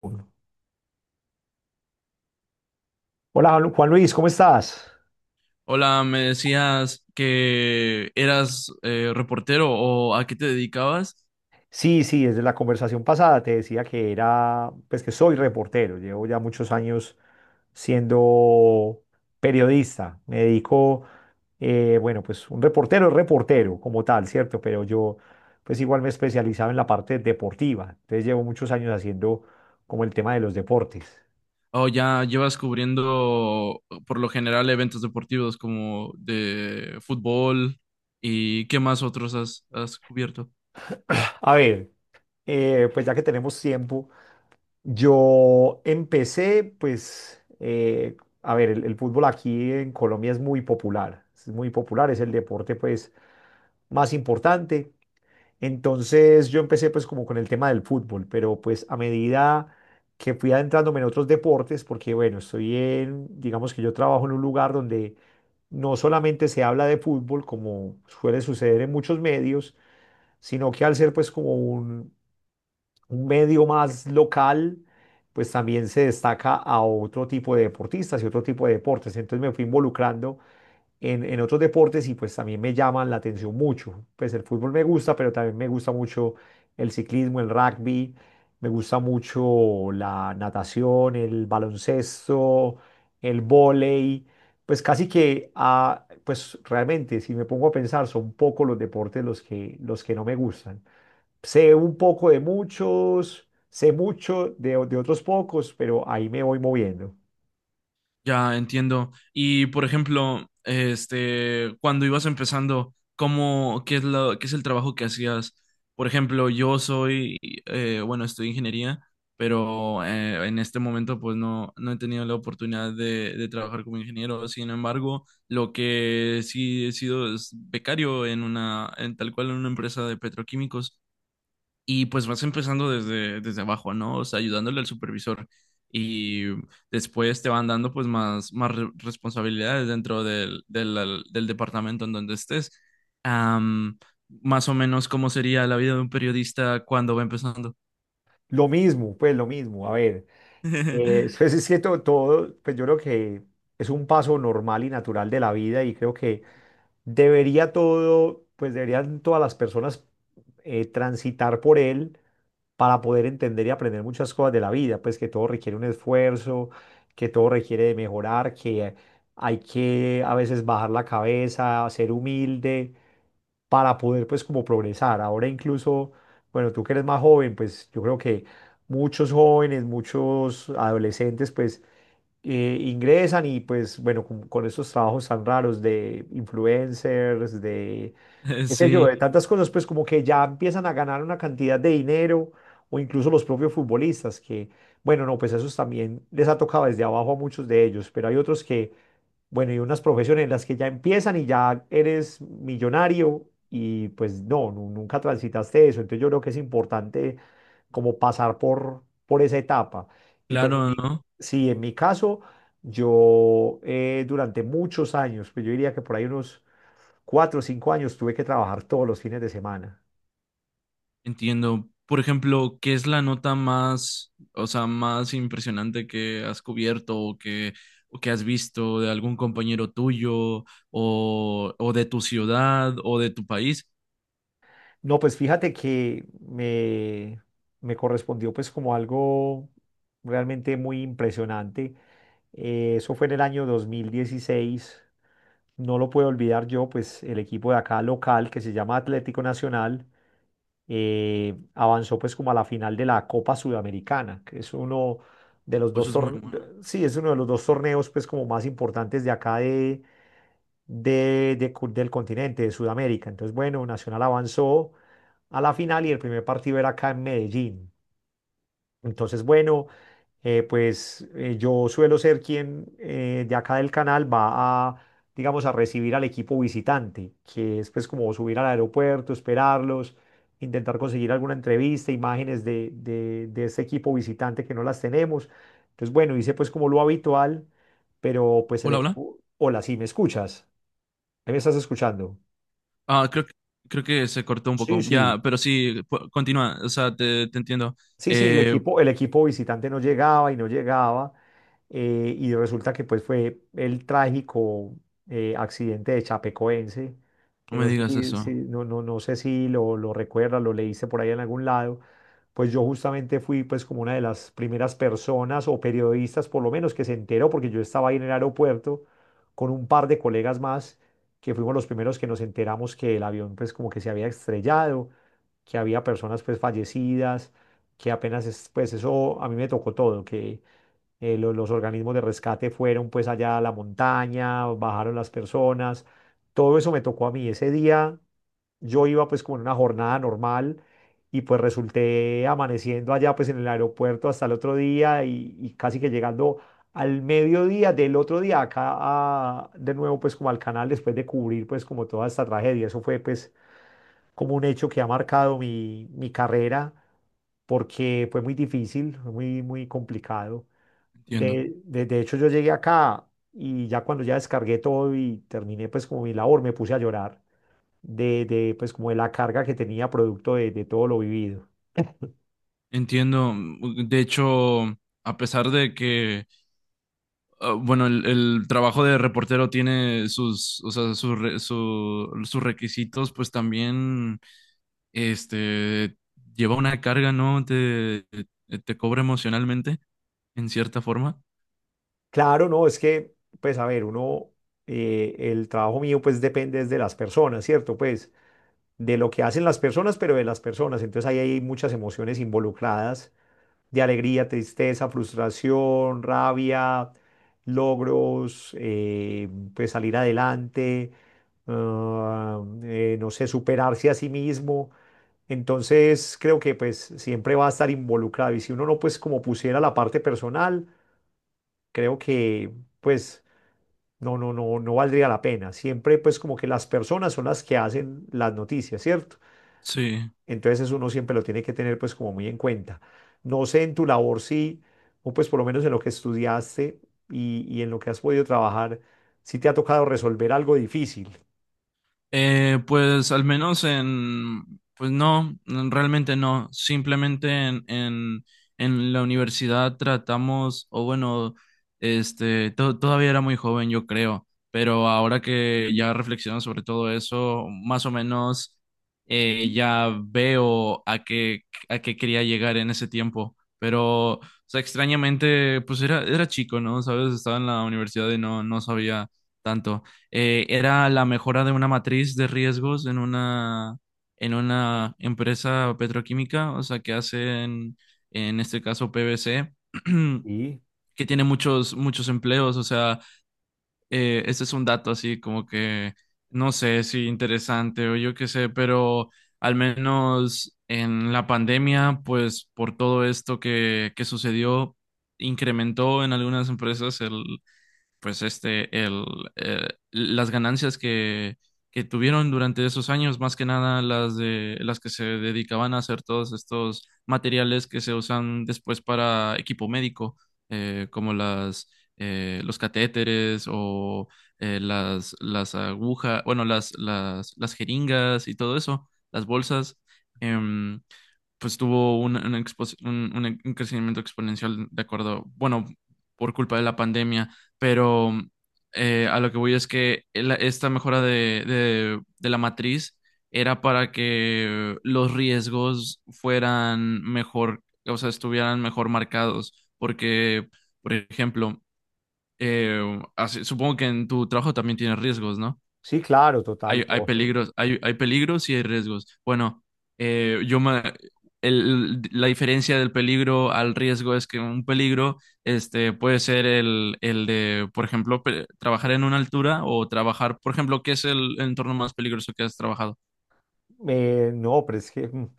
Uno. Hola Juan Luis, ¿cómo estás? Hola, me decías que eras reportero o a qué te dedicabas, Sí, sí, desde la conversación pasada te decía que era, pues que soy reportero, llevo ya muchos años siendo periodista, me dedico, bueno, pues un reportero es reportero como tal, ¿cierto? Pero yo pues igual me especializaba en la parte deportiva, entonces llevo muchos años haciendo como el tema de los deportes. o ya llevas cubriendo por lo general eventos deportivos como de fútbol y qué más otros has cubierto. A ver, pues ya que tenemos tiempo. Yo empecé, pues, a ver, el fútbol aquí en Colombia es muy popular, es muy popular, es el deporte, pues, más importante. Entonces yo empecé pues como con el tema del fútbol, pero pues a medida que fui adentrándome en otros deportes, porque bueno, estoy en, digamos que yo trabajo en un lugar donde no solamente se habla de fútbol, como suele suceder en muchos medios, sino que al ser pues como un medio más local, pues también se destaca a otro tipo de deportistas y otro tipo de deportes. Entonces me fui involucrando en otros deportes y pues también me llaman la atención mucho. Pues el fútbol me gusta, pero también me gusta mucho el ciclismo, el rugby, me gusta mucho la natación, el baloncesto, el vóley. Pues casi que, ah, pues realmente, si me pongo a pensar, son pocos los deportes los que no me gustan. Sé un poco de muchos, sé mucho de, de otros pocos, pero ahí me voy moviendo. Ya entiendo. Y por ejemplo, este, cuando ibas empezando, ¿cómo, qué es lo, qué es el trabajo que hacías? Por ejemplo, yo soy, bueno, estudio ingeniería, pero en este momento pues no, no he tenido la oportunidad de trabajar como ingeniero. Sin embargo, lo que sí he sido es becario en una, en tal cual en una empresa de petroquímicos. Y pues vas empezando desde, desde abajo, ¿no? O sea, ayudándole al supervisor. Y después te van dando pues más, más responsabilidades dentro del departamento en donde estés. Am, Más o menos cómo sería la vida de un periodista cuando va empezando. Lo mismo, pues lo mismo. A ver, pues es que todo, pues yo creo que es un paso normal y natural de la vida y creo que debería todo, pues deberían todas las personas transitar por él para poder entender y aprender muchas cosas de la vida, pues que todo requiere un esfuerzo, que todo requiere de mejorar, que hay que a veces bajar la cabeza, ser humilde para poder pues como progresar. Ahora incluso, bueno, tú que eres más joven, pues yo creo que muchos jóvenes, muchos adolescentes pues ingresan y pues bueno, con estos trabajos tan raros de influencers, de qué sé yo, de Sí, tantas cosas pues como que ya empiezan a ganar una cantidad de dinero o incluso los propios futbolistas que, bueno, no, pues esos también les ha tocado desde abajo a muchos de ellos, pero hay otros que bueno, y unas profesiones en las que ya empiezan y ya eres millonario y pues no, nunca transitaste eso. Entonces yo creo que es importante como pasar por esa etapa. Y pues en claro, mi, ¿no? sí, en mi caso, yo durante muchos años, pues yo diría que por ahí unos 4 o 5 años tuve que trabajar todos los fines de semana. Entiendo. Por ejemplo, ¿qué es la nota más, o sea, más impresionante que has cubierto o que has visto de algún compañero tuyo o de tu ciudad o de tu país? No, pues fíjate que me correspondió pues como algo realmente muy impresionante. Eso fue en el año 2016. No lo puedo olvidar yo, pues el equipo de acá local que se llama Atlético Nacional avanzó pues como a la final de la Copa Sudamericana, que es uno, de los Pues dos eso es muy torneos, bueno. sí, es uno de los dos torneos pues como más importantes de acá de, del continente, de Sudamérica. Entonces, bueno, Nacional avanzó a la final y el primer partido era acá en Medellín. Entonces, bueno, yo suelo ser quien de acá del canal va a, digamos, a recibir al equipo visitante, que es pues como subir al aeropuerto, esperarlos, intentar conseguir alguna entrevista, imágenes de, de ese equipo visitante que no las tenemos. Entonces, bueno, hice pues como lo habitual, pero pues el Hola, hola. equipo, hola, sí, ¿me escuchas? ¿Ahí ¿me estás escuchando? Ah, creo, creo que se cortó un Sí, poco. sí. Ya, pero sí, continúa. O sea, te entiendo. Sí, sí, Eh, el equipo visitante no llegaba y no llegaba, y resulta que pues fue el trágico accidente de Chapecoense, no que me no sé digas si, eso. No, no, no sé si lo, lo recuerdas, lo leíste por ahí en algún lado, pues yo justamente fui pues como una de las primeras personas o periodistas por lo menos que se enteró, porque yo estaba ahí en el aeropuerto con un par de colegas más, que fuimos los primeros que nos enteramos que el avión pues como que se había estrellado que había personas pues fallecidas que apenas es, pues eso a mí me tocó todo, que los organismos de rescate fueron pues allá a la montaña, bajaron las personas, todo eso me tocó a mí. Ese día yo iba pues como en una jornada normal y pues resulté amaneciendo allá pues en el aeropuerto hasta el otro día y casi que llegando al mediodía del otro día acá de nuevo pues como al canal después de cubrir pues como toda esta tragedia. Eso fue pues como un hecho que ha marcado mi, mi carrera porque fue muy difícil, fue muy, muy complicado. Entiendo. De hecho, yo llegué acá y ya cuando ya descargué todo y terminé pues como mi labor, me puse a llorar de pues como de la carga que tenía producto de todo lo vivido. Entiendo. De hecho, a pesar de que Ah, bueno, el trabajo de reportero tiene sus, o sea, sus requisitos, pues también, este, lleva una carga, ¿no? Te cobra emocionalmente, en cierta forma. Claro, no, es que pues a ver, uno, el trabajo mío pues depende es de las personas, ¿cierto? Pues de lo que hacen las personas, pero de las personas. Entonces ahí hay muchas emociones involucradas de alegría, tristeza, frustración, rabia, logros, pues salir adelante, ah, no sé, superarse a sí mismo. Entonces creo que pues siempre va a estar involucrado y si uno no pues como pusiera la parte personal, creo que pues no, no valdría la pena. Siempre pues como que las personas son las que hacen las noticias, ¿cierto? Sí. Entonces eso uno siempre lo tiene que tener pues como muy en cuenta. No sé en tu labor sí, o pues por lo menos en lo que estudiaste y en lo que has podido trabajar, si te ha tocado resolver algo difícil. Pues al menos en, pues no, realmente no. Simplemente en la universidad tratamos, o bueno, este, todavía era muy joven, yo creo, pero ahora que ya reflexiono sobre todo eso, más o menos ya veo a a qué quería llegar en ese tiempo. Pero, o sea, extrañamente, pues era, era chico, ¿no? ¿Sabes? Estaba en la universidad y no, no sabía tanto era la mejora de una matriz de riesgos en una empresa petroquímica, o sea, que hacen, en este caso, PVC, Sí, que tiene muchos, muchos empleos, o sea, este es un dato así como que, no sé si interesante o yo qué sé, pero al menos en la pandemia, pues por todo esto que sucedió, incrementó en algunas empresas el, pues este, el, las ganancias que tuvieron durante esos años, más que nada las de las que se dedicaban a hacer todos estos materiales que se usan después para equipo médico, como las los catéteres o las agujas, bueno, las jeringas y todo eso, las bolsas. em, pues tuvo un un crecimiento exponencial de acuerdo, bueno, por culpa de la pandemia pero a lo que voy es que esta mejora de, de la matriz era para que los riesgos fueran mejor, o sea, estuvieran mejor marcados, porque, por ejemplo, supongo que en tu trabajo también tienes riesgos, ¿no? sí, claro, total, todo. Hay, hay peligros y hay riesgos. Bueno, eh, yo me, la diferencia del peligro al riesgo es que un peligro este, puede ser el de, por ejemplo, trabajar en una altura o trabajar, por ejemplo, ¿qué es el entorno más peligroso que has trabajado? No, pero es que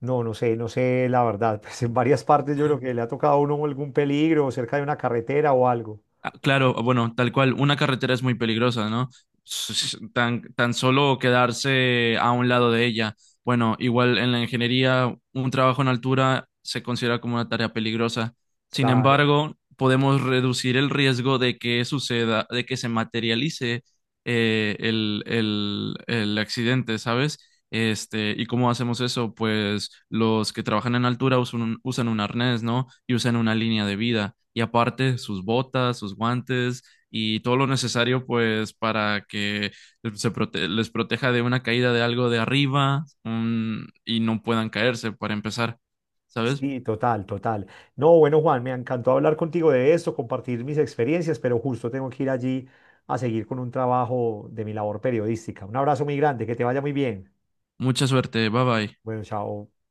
no, no sé, no sé la verdad. Pues en varias partes yo creo que le ha tocado a uno algún peligro cerca de una carretera o algo. Ah, claro, ah, bueno, tal cual, una carretera es muy peligrosa, ¿no? Tan, tan solo quedarse a un lado de ella. Bueno, igual en la ingeniería, un trabajo en altura se considera como una tarea peligrosa. Sin Claro. embargo, podemos reducir el riesgo de que suceda, de que se materialice el accidente, ¿sabes? Este, ¿y cómo hacemos eso? Pues los que trabajan en altura usan un arnés, ¿no? Y usan una línea de vida. Y aparte, sus botas, sus guantes y todo lo necesario, pues, para que les proteja de una caída de algo de arriba, y no puedan caerse para empezar. ¿Sabes? Sí, total, total. No, bueno, Juan, me encantó hablar contigo de esto, compartir mis experiencias, pero justo tengo que ir allí a seguir con un trabajo de mi labor periodística. Un abrazo muy grande, que te vaya muy bien. Mucha suerte. Bye bye. Bueno, chao.